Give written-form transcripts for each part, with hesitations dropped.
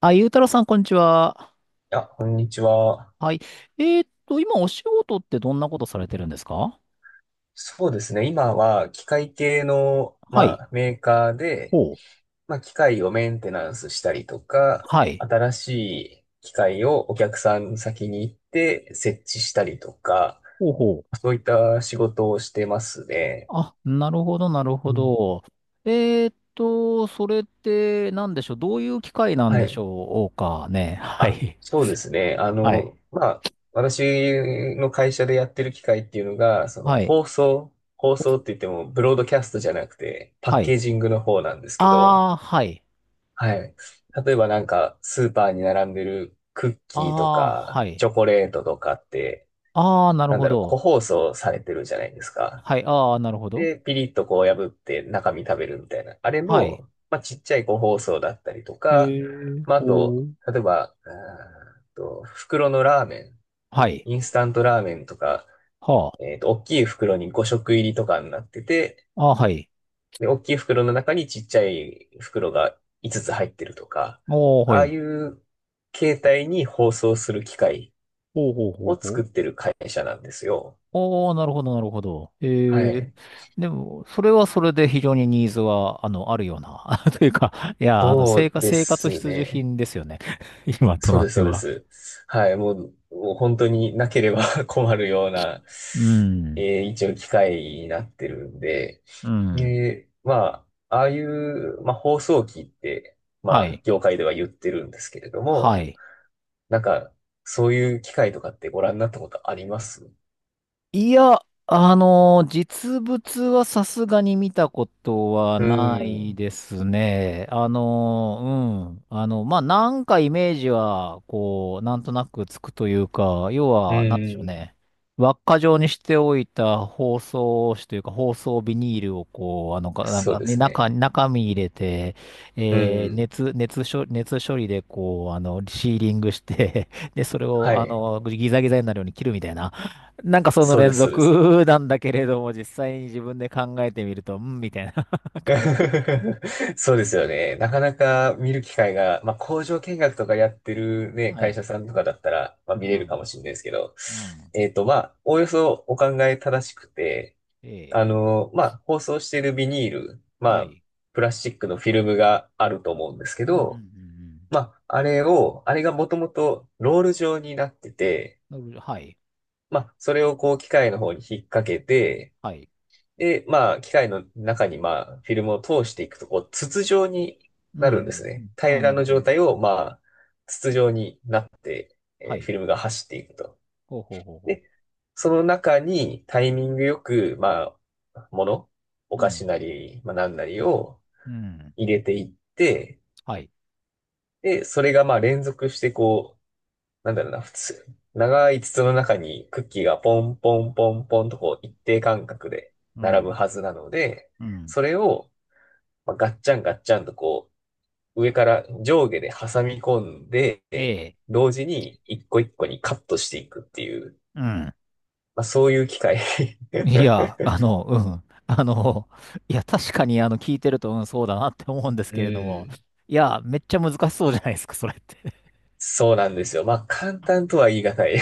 あ、ゆうたろうさん、こんにちは。いや、こんにちは。はい。今、お仕事ってどんなことされてるんですか？そうですね。今は機械系の、はい。メーカーで、ほう。機械をメンテナンスしたりとか、はい。新しい機械をお客さん先に行って設置したりとか、ほうほう。そういった仕事をしてますね。あ、なるほど、なるほうん、ど。それって、なんでしょう。どういう機会なんはでしい。ょうかね。はあ、い。そうですね。はい。私の会社でやってる機械っていうのが、はい。放送って言ってもブロードキャストじゃなくて、パはッケい。ージングの方なんですけど、ああ、はい。はい。例えばなんか、スーパーに並んでるクッあキーとあ、はか、い。チョコレートとかって、ああ、なるなんほだろう、個ど。包装されてるじゃないですか。はい。ああ、なるほど。で、ピリッとこう破って中身食べるみたいな。あれはい。の、ちっちゃい個包装だったりとか、あほと、う。例えば、袋のラーメン、はい。インスタントラーメンとか、はあ。大きい袋に5食入りとかになってて、ああ、はい。で、大きい袋の中にちっちゃい袋が5つつ入ってるとか、おー、はああい。いう携帯に包装する機械ほうほうほうをほ作う。ってる会社なんですよ。おー、なるほど、なるほど。はい。でも、それはそれで非常にニーズは、あるような。というか、いや、そうで生活す必需ね。品ですよね。今とそうなっです、てそうでは。す。はい。もう本当になければ 困るような、うん。一応機械になってるんで、うん。で、まあ、ああいう、まあ、包装機って、はい。業界では言ってるんですけれどはも、い。なんか、そういう機会とかってご覧になったことあります？いや、実物はさすがに見たことはうないん。ですね。うん。まあ、なんかイメージは、こう、なんとなくつくというか、要うは、なんでしょうん。ね。輪っか状にしておいた包装紙というか、包装ビニールをこう、かなんそうか、でね、すね。中身入れて、うん。熱処理でこう、シーリングして、で、それはを、い。ギザギザになるように切るみたいな。なんかそのそうで連す、そうです。続なんだけれども、実際に自分で考えてみると、うん、みたいな 感じ。そうですよね。なかなか見る機会が、工場見学とかやってるね、は会い。社さんとかだったら、見うれるかもん。しれないですけど、うん。おおよそお考え正しくて、ええ。包装しているビニール、はい。プラスチックのフィルムがあると思うんですけうんうんうんうど、ん。あれを、あれがもともとロール状になってて、なるほど。はい。それをこう機械の方に引っ掛けて、はい。で、機械の中にフィルムを通していくと、こう、筒状にうんうなるんですね。んうん。あ平あ、らなるのほど状ね。態を筒状になって、はフい。ィルムが走っていくと。ほうほうほうほで、その中にタイミングよく、あ、もの、おう。う菓子ん。なり、なんなりをうん。入れていって、はい。で、それが連続してこう、なんだろうな、普通、長い筒の中にクッキーがポンポンポンポンとこう一定間隔でう並ぶん。はずなので、うん。それをガッチャンガッチャンとこう上から上下で挟み込んで、ええ。同時に一個一個にカットしていくっていう、うん。そういう機械。いや、うん。いや、確かに、聞いてると、うん、そうだなって思うんで すうけれども、ん。いや、めっちゃ難しそうじゃないですか、それって。そうなんですよ。簡単とは言い難い。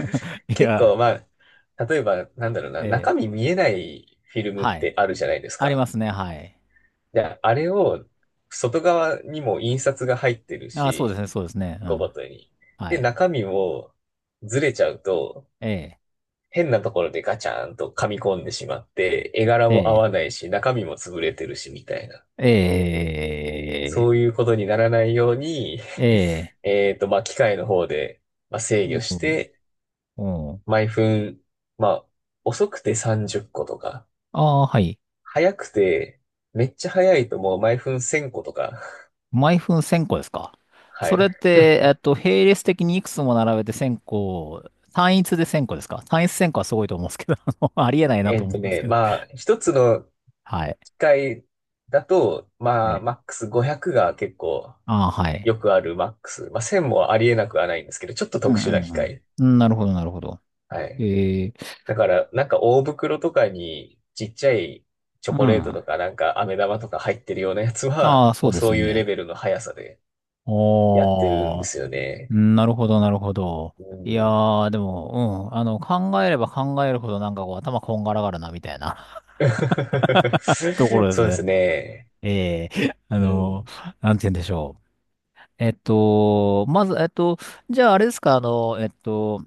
い結や、構例えばなんだろうな、え中身え。見えないフィルムっはい。てあるじゃないですありまか。すね。はい。で、あれを外側にも印刷が入ってるあ、そうですし、ね。そうですね。うごん。ごとに。はで、い。中身もずれちゃうと、ええ、変なところでガチャーンと噛み込んでしまって、絵柄えも合え、わないし、中身も潰れてるし、みたいな。そうえいうことにならないように、え、ええ、機械の方で、制御して、うん。うん。毎分、まあ、遅くて30個とか、ああー、はい。早くて、めっちゃ早いともう毎分1000個とか、毎分1000個ですか？はそれっい。て、並列的にいくつも並べて1000個、単一で1000個ですか？単一10個はすごいと思うんですけど、ありえないなと思うんですけど。一つのはい。機械だと、ええ。マックス500が結構ああ、はい。よくあるマックス。1000もありえなくはないんですけど、ちょっとうん特うん殊な機うん。械。うん。なるほど、なるほど。はい。ええ、だから、なんか大袋とかにちっちゃいチョうん。コレートとあか、なんか飴玉とか入ってるようなやつは、あ、もそううでそすういうレね。ベルの速さでやってるんおでー。すようね。ん。なるほど、なるほど。ういやん。ー、でも、うん、考えれば考えるほどなんかこう、頭こんがらがるな、みたいな ところですそうですね。ね。ええ。うん。なんて言うんでしょう。まず、じゃああれですか。あの、えっと、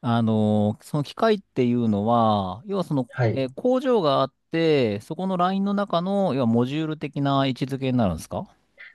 あの、その機械っていうのは、要はその、はい。工場があって、そこのラインの中の、要はモジュール的な位置づけになるんですか？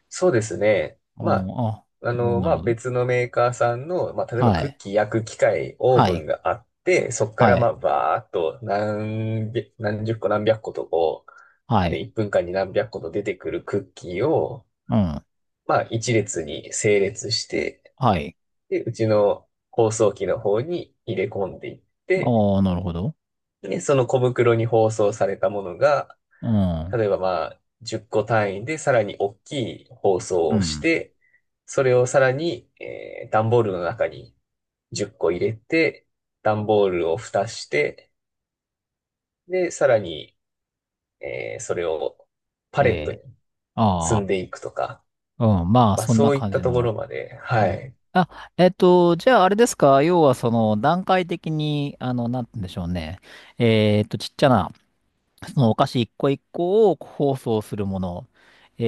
そうですね。うん、あ、なるほど、なるほど。別のメーカーさんの、例えはばクッい。キー焼く機械、オーはブンい。があって、そこかはらい。バーっと何百、何十個何百個とこう、はで、い。1分間に何百個と出てくるクッキーを、うん。一列に整列して、はい。で、うちの包装機の方に入れ込んでいって、ああ、なるほど。で、その小袋に包装されたものが、うん。例えば10個単位でさらに大きい包装うをしん。て、それをさらに、段ボールの中に10個入れて、段ボールを蓋して、で、さらに、それをパえレットにえ。あ積あ。んでいくとか、うん。まあ、そんそなういっ感たじところの。まで、はね。い。あ、じゃあ、あれですか。要は、その、段階的に、なんて言うんでしょうね。ちっちゃなそのお菓子一個一個を包装するもの、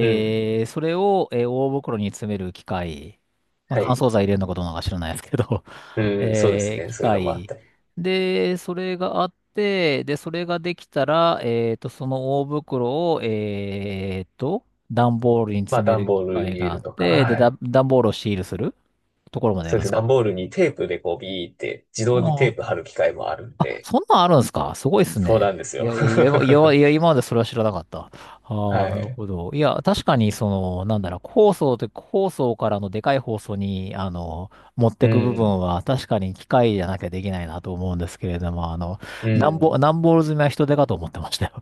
うん。ー、それを、大袋に詰める機械、まあ、は乾い。燥剤入れるのかどうなのか知らないですけど、うん、そうですね。機そういうのもあっ械。たり。で、それがあって、で、それができたら、その大袋を、段ボールに詰め段るボ機ール械入れがあるっとか、て、で、はい。段ボールをシールするところまでやそるうでんですすね。か？段ボールにテープでこうビーって自動でテあープ貼る機械もあるんあ、で、そんなんあるんですか、すごいっすそうね。なんですいよ。や、いや、いや、いや、今までそれは知らなかった。ああ、はなるい。ほど。いや、確かに、その、なんだろう、放送って、放送からのでかい放送に、持っうてく部分ん。は、確かに機械じゃなきゃできないなと思うんですけれども、うん。段ボール詰めは人手かと思ってましたよ。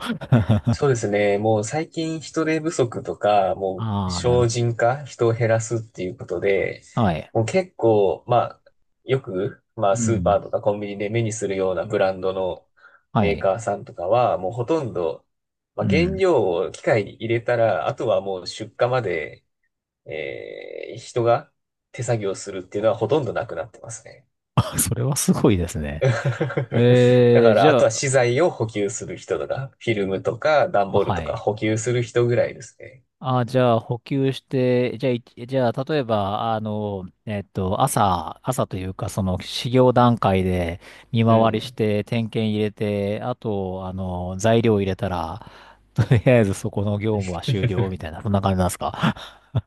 そうですね。もう最近人手不足とか、もうああ、なる省ほ人化、人を減らすっていうことで、ど。はい。もう結構、まあ、よく、まあ、うスーん。パーとかコンビニで目にするようなブランドのはメーい。カーさんとかは、もうほとんど、う原ん。料を機械に入れたら、あとはもう出荷まで、人が手作業するっていうのはほとんどなくなってますね。あ、それはすごいです ね。だかじら、あゃとはあ、資材を補給する人とか、フィルムとか、段あ、ボールはとかい。補給する人ぐらいですね。あ、じゃあ補給して、じゃあ、じゃあ、例えば、朝というか、その、始業段階で見う回りしん。て、点検入れて、あと、材料入れたら、とりあえずそこの業務は終了み たいな、そんな感じなんですか？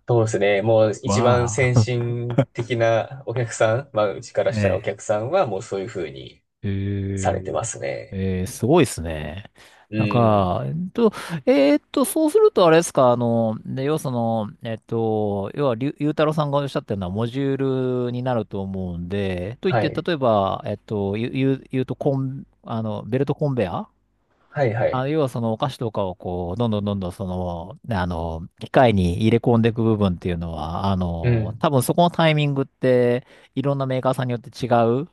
そうですね。もう 一番わ先あ。進的なお客さん、うちからえしたらおえ。客さんはもうそういうふうにえされてー、ますね。すごいですね。うなんん。か、えそうするとあれですか。で、要はその、要は、りゅゆうたろうさんがおっしゃったようなモジュールになると思うんで、といっはて、い。例えば、言うと、コン、あの、ベルトコンベア。はいはあ、い。要はそのお菓子とかをこう、どんどんどんどんその、ね、機械に入れ込んでいく部分っていうのは、うん。多分そこのタイミングって、いろんなメーカーさんによって違う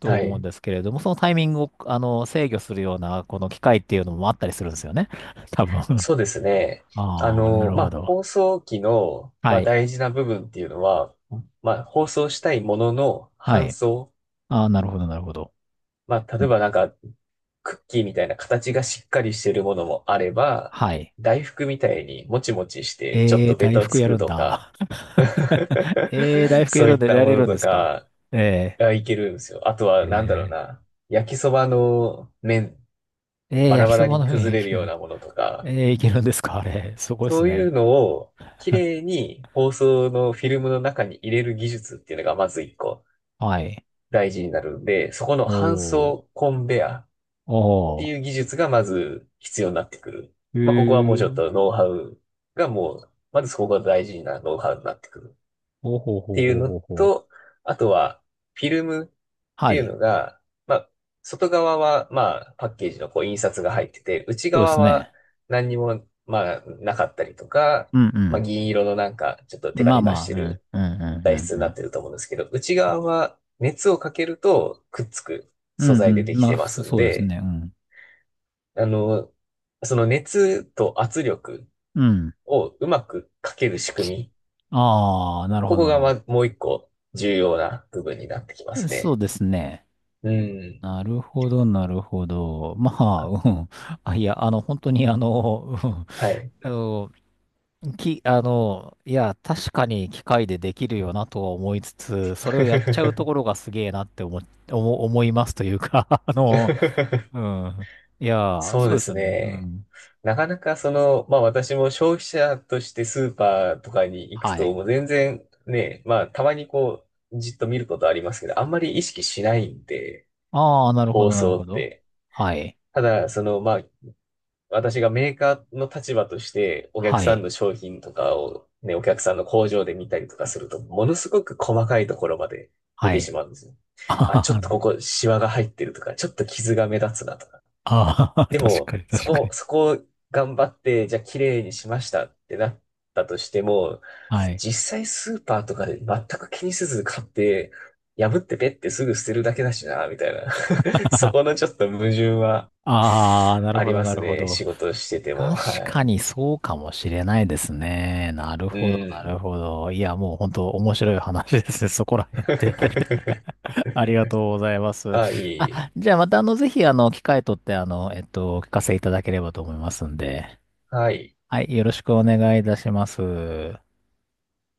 とは思うんい。ですけれども、そのタイミングを、制御するような、この機械っていうのもあったりするんですよね。多分。そうですね。ああ、なるほど。放送機の、はい。大事な部分っていうのは、放送したいもののは搬い。送。ああ、なるほど、なるほど。う例えん。ばなんか、クッキーみたいな形がしっかりしてるものもあれば、はい。大福みたいにもちもちしてちょっとベ大タを福つやくるんとか、だ。大 福やそういるんっで、たやもれのるんでとすか？かえがいけるんですよ。あとー、はなんだろうえな、焼きそばの麺、バラ焼きバラそばにの上崩にいれるけようる。なものとか、いけるんですか、あれ。すごいですそういうね。のを綺麗に包装のフィルムの中に入れる技術っていうのがまず一個はい。大事になるんで、そこの搬おー、送コンベア。っておいう技術がまず必要になってくる。ー、へここはもうちょっー、とノウハウがもう、まずそこが大事なノウハウになってくるおほっほていうほのほほ。と、あとはフィルムってはいうい。のが、まあ、外側はパッケージのこう印刷が入ってて、内そうで側すはね。何にもなかったりとか、うんうん。銀色のなんかちょっとテカまテあカましあ、てうん、るうん、うん、材う質ん、になうっん。てると思うんですけど、内側は熱をかけるとくっつくう素ん、う材でん。できまあ、てま普通すんそうですで、ね。うん。あの、その熱と圧力うん。をうまくかける仕組み。ああ、なるこほど、こなるがほもう一個重要な部分になってきまど。すそうね。ですね。うん。なるほど、なるほど。まあ、うん。あ、いや、本当に、うん、はい。あの、き、あの、いや、確かに機械でできるよなとは思いつつ、それをやっちゃうと ころがすげえなって思いますというか、うん。いや、そうそうでですすよね。うね。ん。なかなかその、私も消費者としてスーパーとかに行くはと、い。もう全然ね、たまにこう、じっと見ることありますけど、あんまり意識しないんで、ああ、なるほ包ど、なる装ほっど。て。はい。ただ、その、私がメーカーの立場としてお客はさんい。の商品とかをね、お客さんの工場で見たりとかすると、ものすごく細かいところまで見はてしい。まうんですよ。あ、あちょっとこーこシワが入ってるとか、ちょっと傷が目立つなとか。あー、で確も、かに、そ確かこ、に。そこを頑張って、じゃあ綺麗にしましたってなったとしても、はい。実際スーパーとかで全く気にせず買って、破ってペッてすぐ捨てるだけだしな、みたいな。そ このちょっと矛盾はああ、なるあほりど、まなするほね。ど。仕事してても。確はかい。にそうかもしれないですね。なるうほど、なん。るほど。いや、もう本当面白い話ですね。そこら辺で。 ありがとうございます。あ、いあ、い。じゃあまたぜひ機会とってお聞かせいただければと思いますんで。はい。はい、よろしくお願いいたします。